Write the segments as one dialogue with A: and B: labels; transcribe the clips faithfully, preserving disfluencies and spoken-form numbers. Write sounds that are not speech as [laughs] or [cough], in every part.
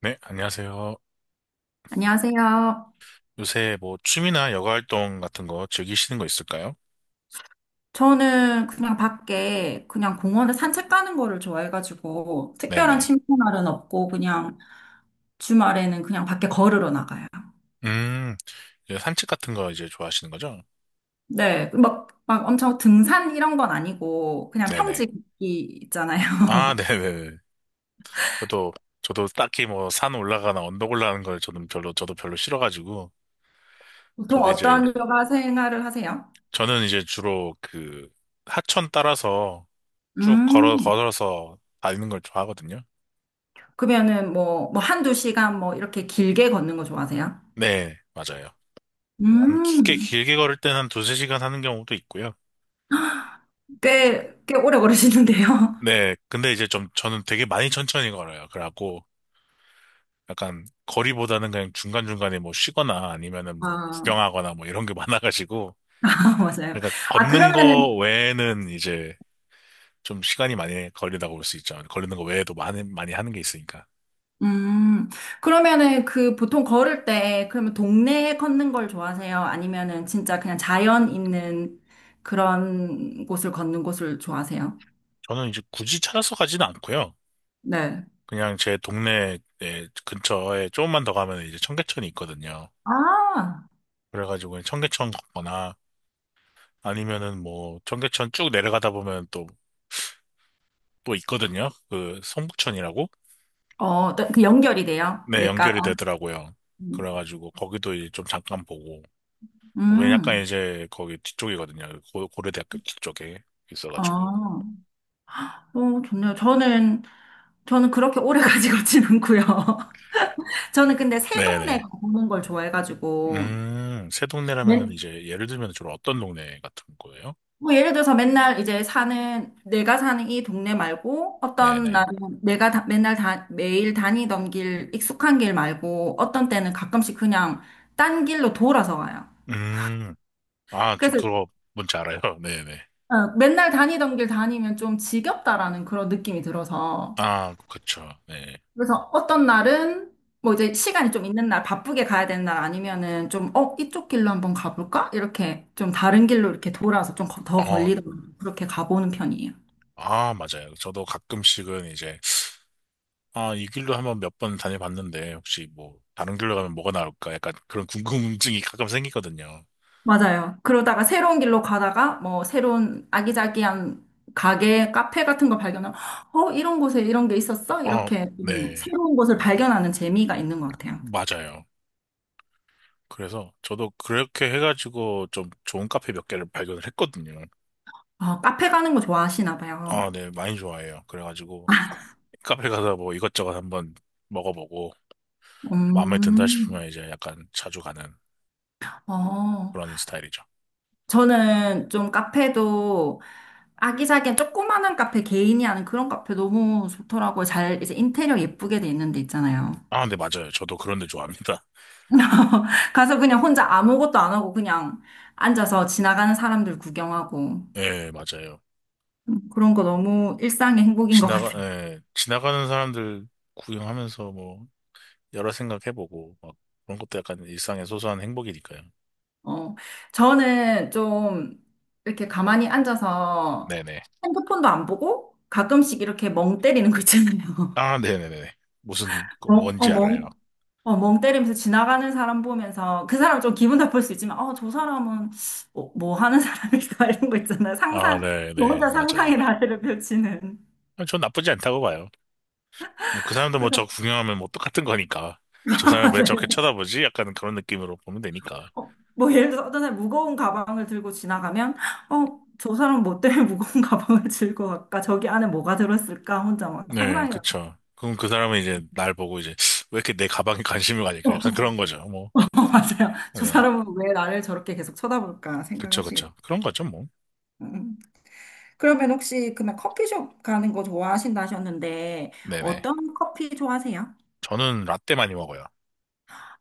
A: 네, 안녕하세요.
B: 안녕하세요.
A: 요새 뭐 취미나 여가 활동 같은 거 즐기시는 거 있을까요?
B: 저는 그냥 밖에 그냥 공원에 산책 가는 거를 좋아해가지고 특별한
A: 네네.
B: 취미 날은 없고 그냥 주말에는 그냥 밖에 걸으러 나가요.
A: 음, 이제 산책 같은 거 이제 좋아하시는 거죠?
B: 네, 막, 막 엄청 등산 이런 건 아니고 그냥
A: 네네.
B: 평지 걷기 있잖아요.
A: 아, [laughs]
B: [laughs]
A: 네네네. 저도, 저도 딱히 뭐 산 올라가나 언덕 올라가는 걸 저는 별로, 저도 별로 싫어가지고,
B: 보통
A: 저도 이제,
B: 어떤 여가 생활을 하세요?
A: 저는 이제 주로 그 하천 따라서 쭉 걸어,
B: 음.
A: 걸어서 다니는 걸 좋아하거든요.
B: 그러면은 뭐, 뭐 한두 시간 뭐 이렇게 길게 걷는 거 좋아하세요?
A: 네, 맞아요. 한 길게,
B: 음.
A: 길게 걸을 때는 한 두세 시간 하는 경우도 있고요.
B: 꽤, 꽤 오래 걸으시는데요. [laughs]
A: 네, 근데 이제 좀 저는 되게 많이 천천히 걸어요. 그래갖고 약간 거리보다는 그냥 중간중간에 뭐 쉬거나 아니면은 뭐
B: 아,
A: 구경하거나 뭐 이런 게 [laughs] 많아가지고
B: [laughs] 맞아요.
A: 그러니까
B: 아,
A: 걷는 거
B: 그러면은
A: 외에는 이제 좀 시간이 많이 걸린다고 볼 수 있죠. 걸리는 거 외에도 많이 많이 하는 게 있으니까.
B: 음, 그러면은 그 보통 걸을 때, 그러면 동네에 걷는 걸 좋아하세요? 아니면은 진짜 그냥 자연 있는 그런 곳을 걷는 곳을 좋아하세요?
A: 저는 이제 굳이 찾아서 가지는 않고요.
B: 네.
A: 그냥 제 동네 근처에 조금만 더 가면 이제 청계천이 있거든요.
B: 아,
A: 그래가지고 그냥 청계천 걷거나 아니면은 뭐 청계천 쭉 내려가다 보면 또, 또 있거든요. 그 성북천이라고?
B: 어, 또그 연결이 돼요?
A: 네,
B: 내과가.
A: 연결이 되더라고요.
B: 음.
A: 그래가지고 거기도 이제 좀 잠깐 보고. 거기는 약간
B: 음.
A: 이제 거기 뒤쪽이거든요. 고, 고려대학교 뒤쪽에
B: 어,
A: 있어가지고.
B: 어, 좋네요. 저는, 저는 그렇게 오래 [laughs] 가지고 지는고요 [laughs] 저는 근데 새 동네
A: 네네.
B: 걷는 걸 좋아해가지고,
A: 음, 새 동네라면은 이제 예를 들면 좀 어떤 동네 같은 거예요?
B: 뭐 예를 들어서 맨날 이제 사는 내가 사는 이 동네 말고 어떤
A: 네네.
B: 날은 내가 다- 맨날 다, 매일 다니던 길 익숙한 길 말고 어떤 때는 가끔씩 그냥 딴 길로 돌아서 가요.
A: 음, 아, 저
B: 그래서
A: 그거 뭔지 알아요? [laughs] 네네.
B: 어, 맨날 다니던 길 다니면 좀 지겹다라는 그런 느낌이 들어서
A: 아, 그쵸. 네.
B: 그래서 어떤 날은 뭐 이제 시간이 좀 있는 날 바쁘게 가야 되는 날 아니면은 좀 어 이쪽 길로 한번 가볼까 이렇게 좀 다른 길로 이렇게 돌아서 좀 더
A: 어,
B: 걸리도록 그렇게 가보는 편이에요.
A: 아, 맞아요. 저도 가끔씩은 이제 아, 이 길로 한번 몇 번 다녀봤는데, 혹시 뭐, 다른 길로 가면 뭐가 나올까? 약간 그런 궁금증이 가끔 생기거든요.
B: 맞아요. 그러다가 새로운 길로 가다가 뭐 새로운 아기자기한 가게, 카페 같은 거 발견하면 어, 이런 곳에 이런 게 있었어?
A: 아,
B: 이렇게 좀
A: 네.
B: 새로운 곳을 발견하는 재미가 있는 것 같아요.
A: 맞아요. 그래서 저도 그렇게 해가지고 좀 좋은 카페 몇 개를 발견을 했거든요.
B: 아, 카페 가는 거 좋아하시나 봐요.
A: 아, 네. 많이 좋아해요. 그래가지고 카페 가서 뭐 이것저것 한번 먹어보고 마음에 든다
B: 음.
A: 싶으면 이제 약간 자주 가는
B: 어.
A: 그런 스타일이죠.
B: 저는 좀 카페도 아기자기한 조그마한 카페 개인이 하는 그런 카페 너무 좋더라고요. 잘 이제 인테리어 예쁘게 돼 있는 데 있잖아요.
A: 아, 네. 맞아요. 저도 그런 데 좋아합니다.
B: [laughs] 가서 그냥 혼자 아무것도 안 하고 그냥 앉아서 지나가는 사람들 구경하고
A: [laughs] 예, 맞아요.
B: 음, 그런 거 너무 일상의 행복인 것
A: 지나가,
B: 같아요.
A: 예, 지나가는 사람들 구경하면서 뭐 여러 생각해보고 막 그런 것도 약간 일상의 소소한 행복이니까요.
B: 어, 저는 좀 이렇게 가만히 앉아서
A: 네네.
B: 핸드폰도 안 보고 가끔씩 이렇게 멍 때리는 거 있잖아요.
A: 아, 네네네. 무슨
B: [laughs]
A: 거
B: 멍, 어,
A: 뭔지
B: 멍,
A: 알아요.
B: 어, 멍 때리면서 지나가는 사람 보면서 그 사람 좀 기분 나쁠 수 있지만 어, 저 사람은 뭐, 뭐 하는 사람일까 [laughs] 이런 거 있잖아요.
A: 아,
B: 상상, 저
A: 네네.
B: 혼자
A: 맞아요.
B: 상상의 나래를 펼치는.
A: 아, 전 나쁘지 않다고 봐요. 뭐 그 사람도 뭐
B: 그래서
A: 저 구경하면 뭐 똑같은 거니까. 저 사람 왜 저렇게
B: [laughs]
A: 쳐다보지? 약간 그런 느낌으로 보면 되니까.
B: 어, 뭐 예를 들어서 어떤 사람이 무거운 가방을 들고 지나가면 어, 저 사람 뭐 때문에 [laughs] 무거운 가방을 들고 갈까? 저기 안에 뭐가 들었을까? 혼자 막
A: 네,
B: 상상해요.
A: 그쵸. 그럼 그 사람은 이제 날 보고 이제 왜 이렇게 내 가방에 관심을 가질까 약간
B: 어,
A: 그런 거죠. 뭐.
B: [laughs] 맞아요. 저
A: 네.
B: 사람은 왜 나를 저렇게 계속 쳐다볼까
A: 그쵸,
B: 생각하시겠죠.
A: 그쵸. 그런 거죠, 뭐.
B: 음. 그러면 혹시 그러면 커피숍 가는 거 좋아하신다 하셨는데
A: 네네.
B: 어떤 커피 좋아하세요?
A: 저는 라떼 많이 먹어요.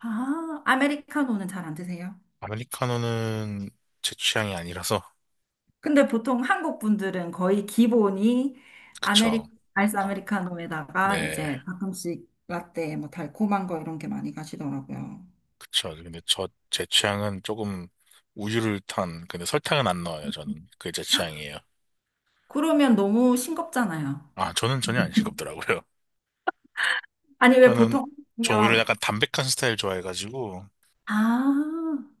B: 아, 아메리카노는 잘 안 드세요?
A: 아메리카노는 제 취향이 아니라서.
B: 근데 보통 한국 분들은 거의 기본이 아메리,
A: 그쵸.
B: 아이스
A: 아,
B: 아메리카노에다가
A: 네,
B: 이제 가끔씩 라떼, 뭐 달콤한 거 이런 게 많이 가시더라고요.
A: 그쵸. 근데 저, 제 취향은 조금 우유를 탄, 근데 설탕은 안 넣어요, 저는. 그게 제 취향이에요.
B: 그러면 너무 싱겁잖아요.
A: 아, 저는 전혀 안 싱겁더라고요. [laughs]
B: 아니, 왜
A: 저는,
B: 보통
A: 저 오히려
B: 하면,
A: 약간 담백한 스타일 좋아해가지고,
B: 아,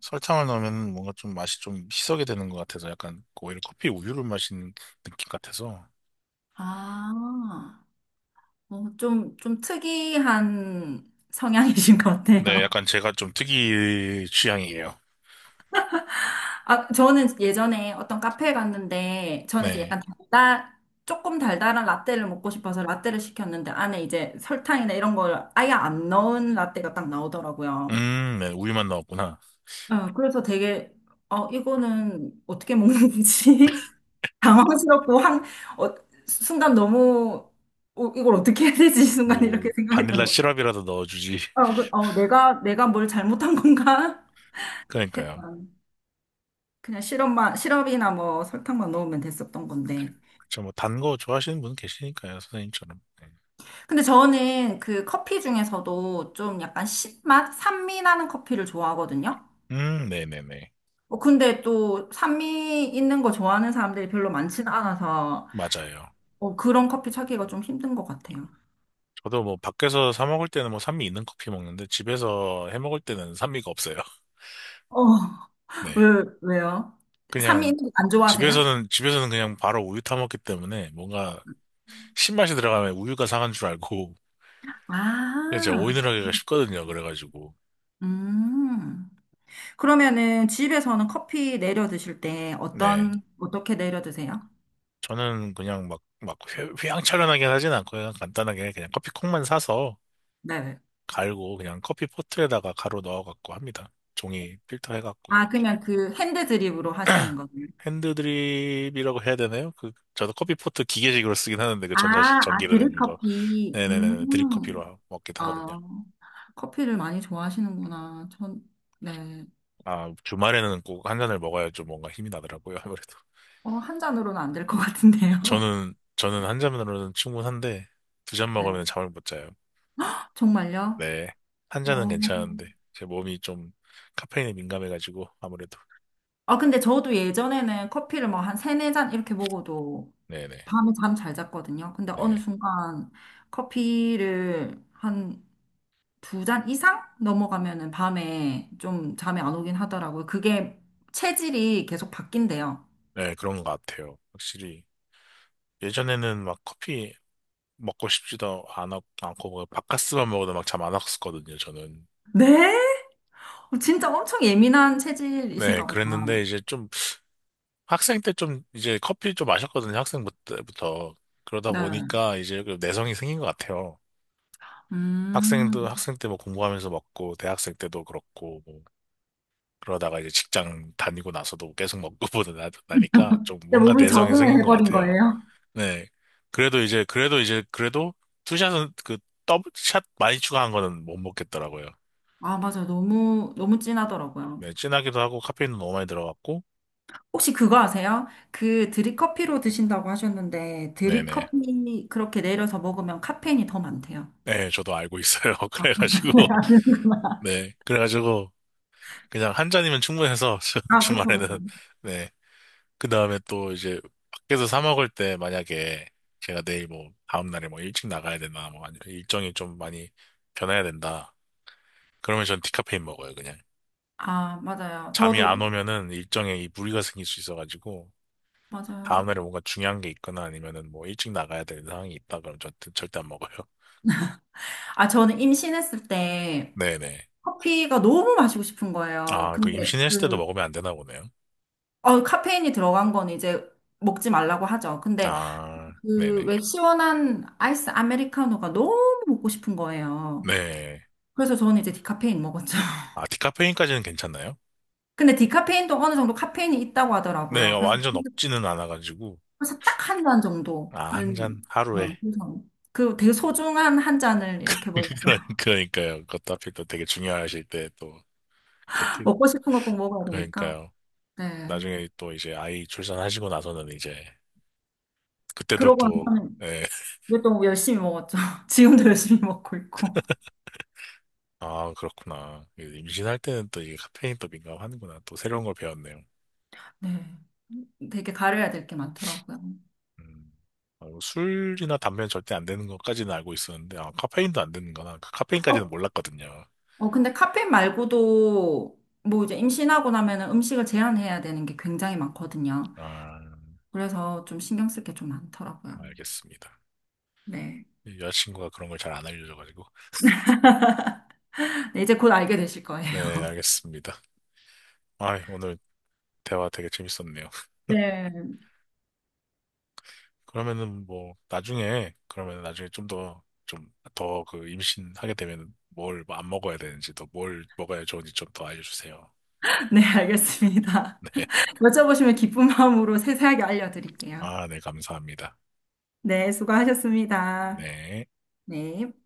A: 설탕을 넣으면 뭔가 좀 맛이 좀 희석이 되는 것 같아서 약간 오히려 커피 우유를 마시는 느낌 같아서.
B: 아, 어, 좀, 좀 특이한 성향이신 것
A: 네,
B: 같아요.
A: 약간 제가 좀 특이 취향이에요.
B: 아, 저는 예전에 어떤 카페에 갔는데, 저는 이제
A: 네.
B: 약간 달달, 조금 달달한 라떼를 먹고 싶어서 라떼를 시켰는데, 안에 이제 설탕이나 이런 걸 아예 안 넣은 라떼가 딱 나오더라고요.
A: 음, 네, 우유만 넣었구나.
B: 어, 그래서 되게, 어, 이거는 어떻게 먹는 건지 [laughs] 당황스럽고, 한, 어, 순간 너무, 어, 이걸 어떻게 해야 되지? [laughs] 순간
A: 뭐,
B: 이렇게 생각했던
A: 바닐라
B: 거.
A: 시럽이라도 넣어주지. [laughs]
B: 어, 그- 어, 내가, 내가 뭘 잘못한 건가? [laughs]
A: 그러니까요.
B: 했던. 그냥 시럽만, 시럽이나 뭐 설탕만 넣으면 됐었던 건데.
A: 그쵸, 뭐, 단 거 좋아하시는 분 계시니까요, 선생님처럼. 네.
B: 근데 저는 그 커피 중에서도 좀 약간 신맛? 산미 나는 커피를 좋아하거든요.
A: 음, 네네네.
B: 어, 근데 또 산미 있는 거 좋아하는 사람들이 별로 많지는 않아서
A: 맞아요.
B: 어, 그런 커피 찾기가 좀 힘든 것 같아요.
A: 저도 뭐, 밖에서 사 먹을 때는 뭐, 산미 있는 커피 먹는데, 집에서 해 먹을 때는 산미가 없어요. [laughs]
B: 어,
A: 네.
B: 왜, 왜요? 산미
A: 그냥,
B: 있는 거 안 좋아하세요?
A: 집에서는, 집에서는 그냥 바로 우유 타 먹기 때문에, 뭔가, 신맛이 들어가면 우유가 상한 줄 알고, [laughs] 그냥 제가
B: 아,
A: 오인을 하기가 쉽거든요, 그래가지고.
B: 음. 그러면은 집에서는 커피 내려 드실 때
A: 네.
B: 어떤, 어떻게 내려 드세요?
A: 저는 그냥 막, 막, 휘- 휘황찬란하게 하진 않고, 그냥 간단하게 그냥 커피콩만 사서,
B: 네.
A: 갈고 그냥 커피 포트에다가 가루 넣어갖고 합니다. 종이 필터 해갖고
B: 아,
A: 이렇게.
B: 그러면 그 핸드 드립으로 하시는 거예요?
A: 핸드드립이라고 해야 되나요? 그 저도 커피 포트 기계식으로 쓰긴 하는데 그
B: 아,
A: 전자
B: 아,
A: 전기로 되는 거.
B: 드립커피.
A: 네네네 드립
B: 음.
A: 커피로 먹기도 하거든요.
B: 아, 커피를 많이 좋아하시는구나. 전, 네.
A: 아 주말에는 꼭 한 잔을 먹어야 좀 뭔가 힘이 나더라고요. 아무래도
B: 어, 한 잔으로는 안 될 것 같은데요.
A: 저는 저는 한 잔으로는 충분한데 두 잔
B: [laughs]
A: 먹으면
B: 네.
A: 잠을 못 자요.
B: 정말요?
A: 네. 한
B: 어.
A: 잔은 괜찮은데 제 몸이 좀 카페인에 민감해가지고 아무래도
B: 아, 근데 저도 예전에는 커피를 뭐 한 세네 잔 이렇게 먹어도
A: 네네
B: 밤에 잠 잘 잤거든요. 근데 어느
A: 네.
B: 순간 커피를 한 두 잔 이상 넘어가면은 밤에 좀 잠이 안 오긴 하더라고요. 그게 체질이 계속 바뀐대요.
A: 네, 그런 것 같아요. 확실히 예전에는 막 커피 먹고 싶지도 않- 않고 뭐 바카스만 먹어도 막 잠 안 왔었거든요, 저는.
B: 네? 어, 진짜 엄청 예민한
A: 네,
B: 체질이신가 보다.
A: 그랬는데 이제 좀 학생 때 좀 이제 커피 좀 마셨거든요, 학생 때부터. 그러다
B: 네.
A: 보니까 이제 그 내성이 생긴 것 같아요.
B: 음.
A: 학생도 학생 때 뭐 공부하면서 먹고 대학생 때도 그렇고 뭐 그러다가 이제 직장 다니고 나서도 계속 먹고 [laughs] 보다 나니까 좀
B: 근데
A: 뭔가
B: 몸이
A: 내성이
B: 적응을
A: 생긴 것
B: 해버린
A: 같아요.
B: 거예요.
A: 네. 그래도 이제 그래도 이제 그래도 투샷은 그 더블샷 많이 추가한 거는 못 먹겠더라고요.
B: 아, 맞아. 너무, 너무 진하더라고요.
A: 네, 진하기도 하고 카페인도 너무 많이 들어갔고,
B: 혹시 그거 아세요? 그 드립커피로 드신다고 하셨는데,
A: 네네.
B: 드립커피 그렇게 내려서 먹으면 카페인이 더 많대요.
A: 네, 저도 알고 있어요. [laughs] 그래가지고,
B: [laughs]
A: 네, 그래가지고 그냥 한 잔이면 충분해서 [laughs] 주-
B: 아 아, 그쵸, 그쵸.
A: 주말에는 네, 그 다음에 또 이제 밖에서 사 먹을 때 만약에 제가 내일 뭐 다음 날에 뭐 일찍 나가야 된다, 뭐 아니면 일정이 좀 많이 변해야 된다. 그러면 전 디카페인 먹어요, 그냥.
B: 아, 맞아요.
A: 잠이 안
B: 저도,
A: 오면은 일정에 이 무리가 생길 수 있어가지고 다음
B: 맞아요.
A: 날에 뭔가 중요한 게 있거나 아니면은 뭐 일찍 나가야 되는 상황이 있다 그럼 저 절대 안 먹어요. [laughs]
B: 아, 저는 임신했을 때
A: 네네.
B: 커피가 너무 마시고 싶은 거예요.
A: 아, 그
B: 근데
A: 임신했을 때도
B: 그,
A: 먹으면 안 되나 보네요.
B: 어, 카페인이 들어간 건 이제 먹지 말라고 하죠. 근데
A: 아,
B: 그,
A: 네네.
B: 왜 시원한 아이스 아메리카노가 너무 먹고 싶은 거예요.
A: 네.
B: 그래서 저는 이제 디카페인 먹었죠. [laughs]
A: 아, 디카페인까지는 괜찮나요?
B: 근데 디카페인도 어느 정도 카페인이 있다고
A: 네,
B: 하더라고요. 그래서,
A: 완전 없지는 않아가지고.
B: 그래서 딱 한 잔
A: 아, 한 잔
B: 정도는, 어,
A: 하루에.
B: 그래서 그 되게 소중한 한 잔을 이렇게 먹어.
A: [laughs] 그러-
B: [laughs]
A: 그러니까요. 그것도 하필 또 되게 중요하실 때 또 그렇게.
B: 먹고 싶은 거 꼭 먹어야 되니까.
A: 그러니까요.
B: 네.
A: 나중에 또 이제 아이 출산하시고 나서는 이제 그때도
B: 그러고
A: 또,
B: 나서는
A: 예.
B: 이제 또 열심히 먹었죠. [laughs] 지금도 열심히 먹고 있고.
A: 아, 그렇구나. 그 임신할 때는 또 이게 카페인 또 민감하는구나. 또 새로운 걸 배웠네요.
B: 네. 되게 가려야 될 게 많더라고요.
A: 음, 아, 뭐 술이나 담배는 절대 안 되는 것까지는 알고 있었는데, 아, 카페인도 안 되는 거나, 그 카페인까지는 몰랐거든요.
B: 어, 근데 카페인 말고도 뭐 이제 임신하고 나면은 음식을 제한해야 되는 게 굉장히 많거든요.
A: 아,
B: 그래서 좀 신경 쓸 게 좀 많더라고요.
A: 알겠습니다.
B: 네.
A: 이 여자친구가 그런 걸 잘 안 알려줘가지고.
B: 네, 이제 곧 알게 되실 거예요.
A: 네,
B: [laughs]
A: 알겠습니다. 아, 오늘 대화 되게 재밌었네요. [laughs]
B: 네.
A: 그러면은 뭐, 나중에, 그러면 나중에 좀 더, 좀 더 그 임신하게 되면 뭘 뭐 안 먹어야 되는지, 또 뭘 먹어야 좋은지 좀 더 알려주세요.
B: 네, 알겠습니다.
A: [laughs] 네.
B: 여쭤보시면 기쁜 마음으로 세세하게 알려드릴게요.
A: 아, 네, 감사합니다.
B: 네, 수고하셨습니다.
A: 네.
B: 네.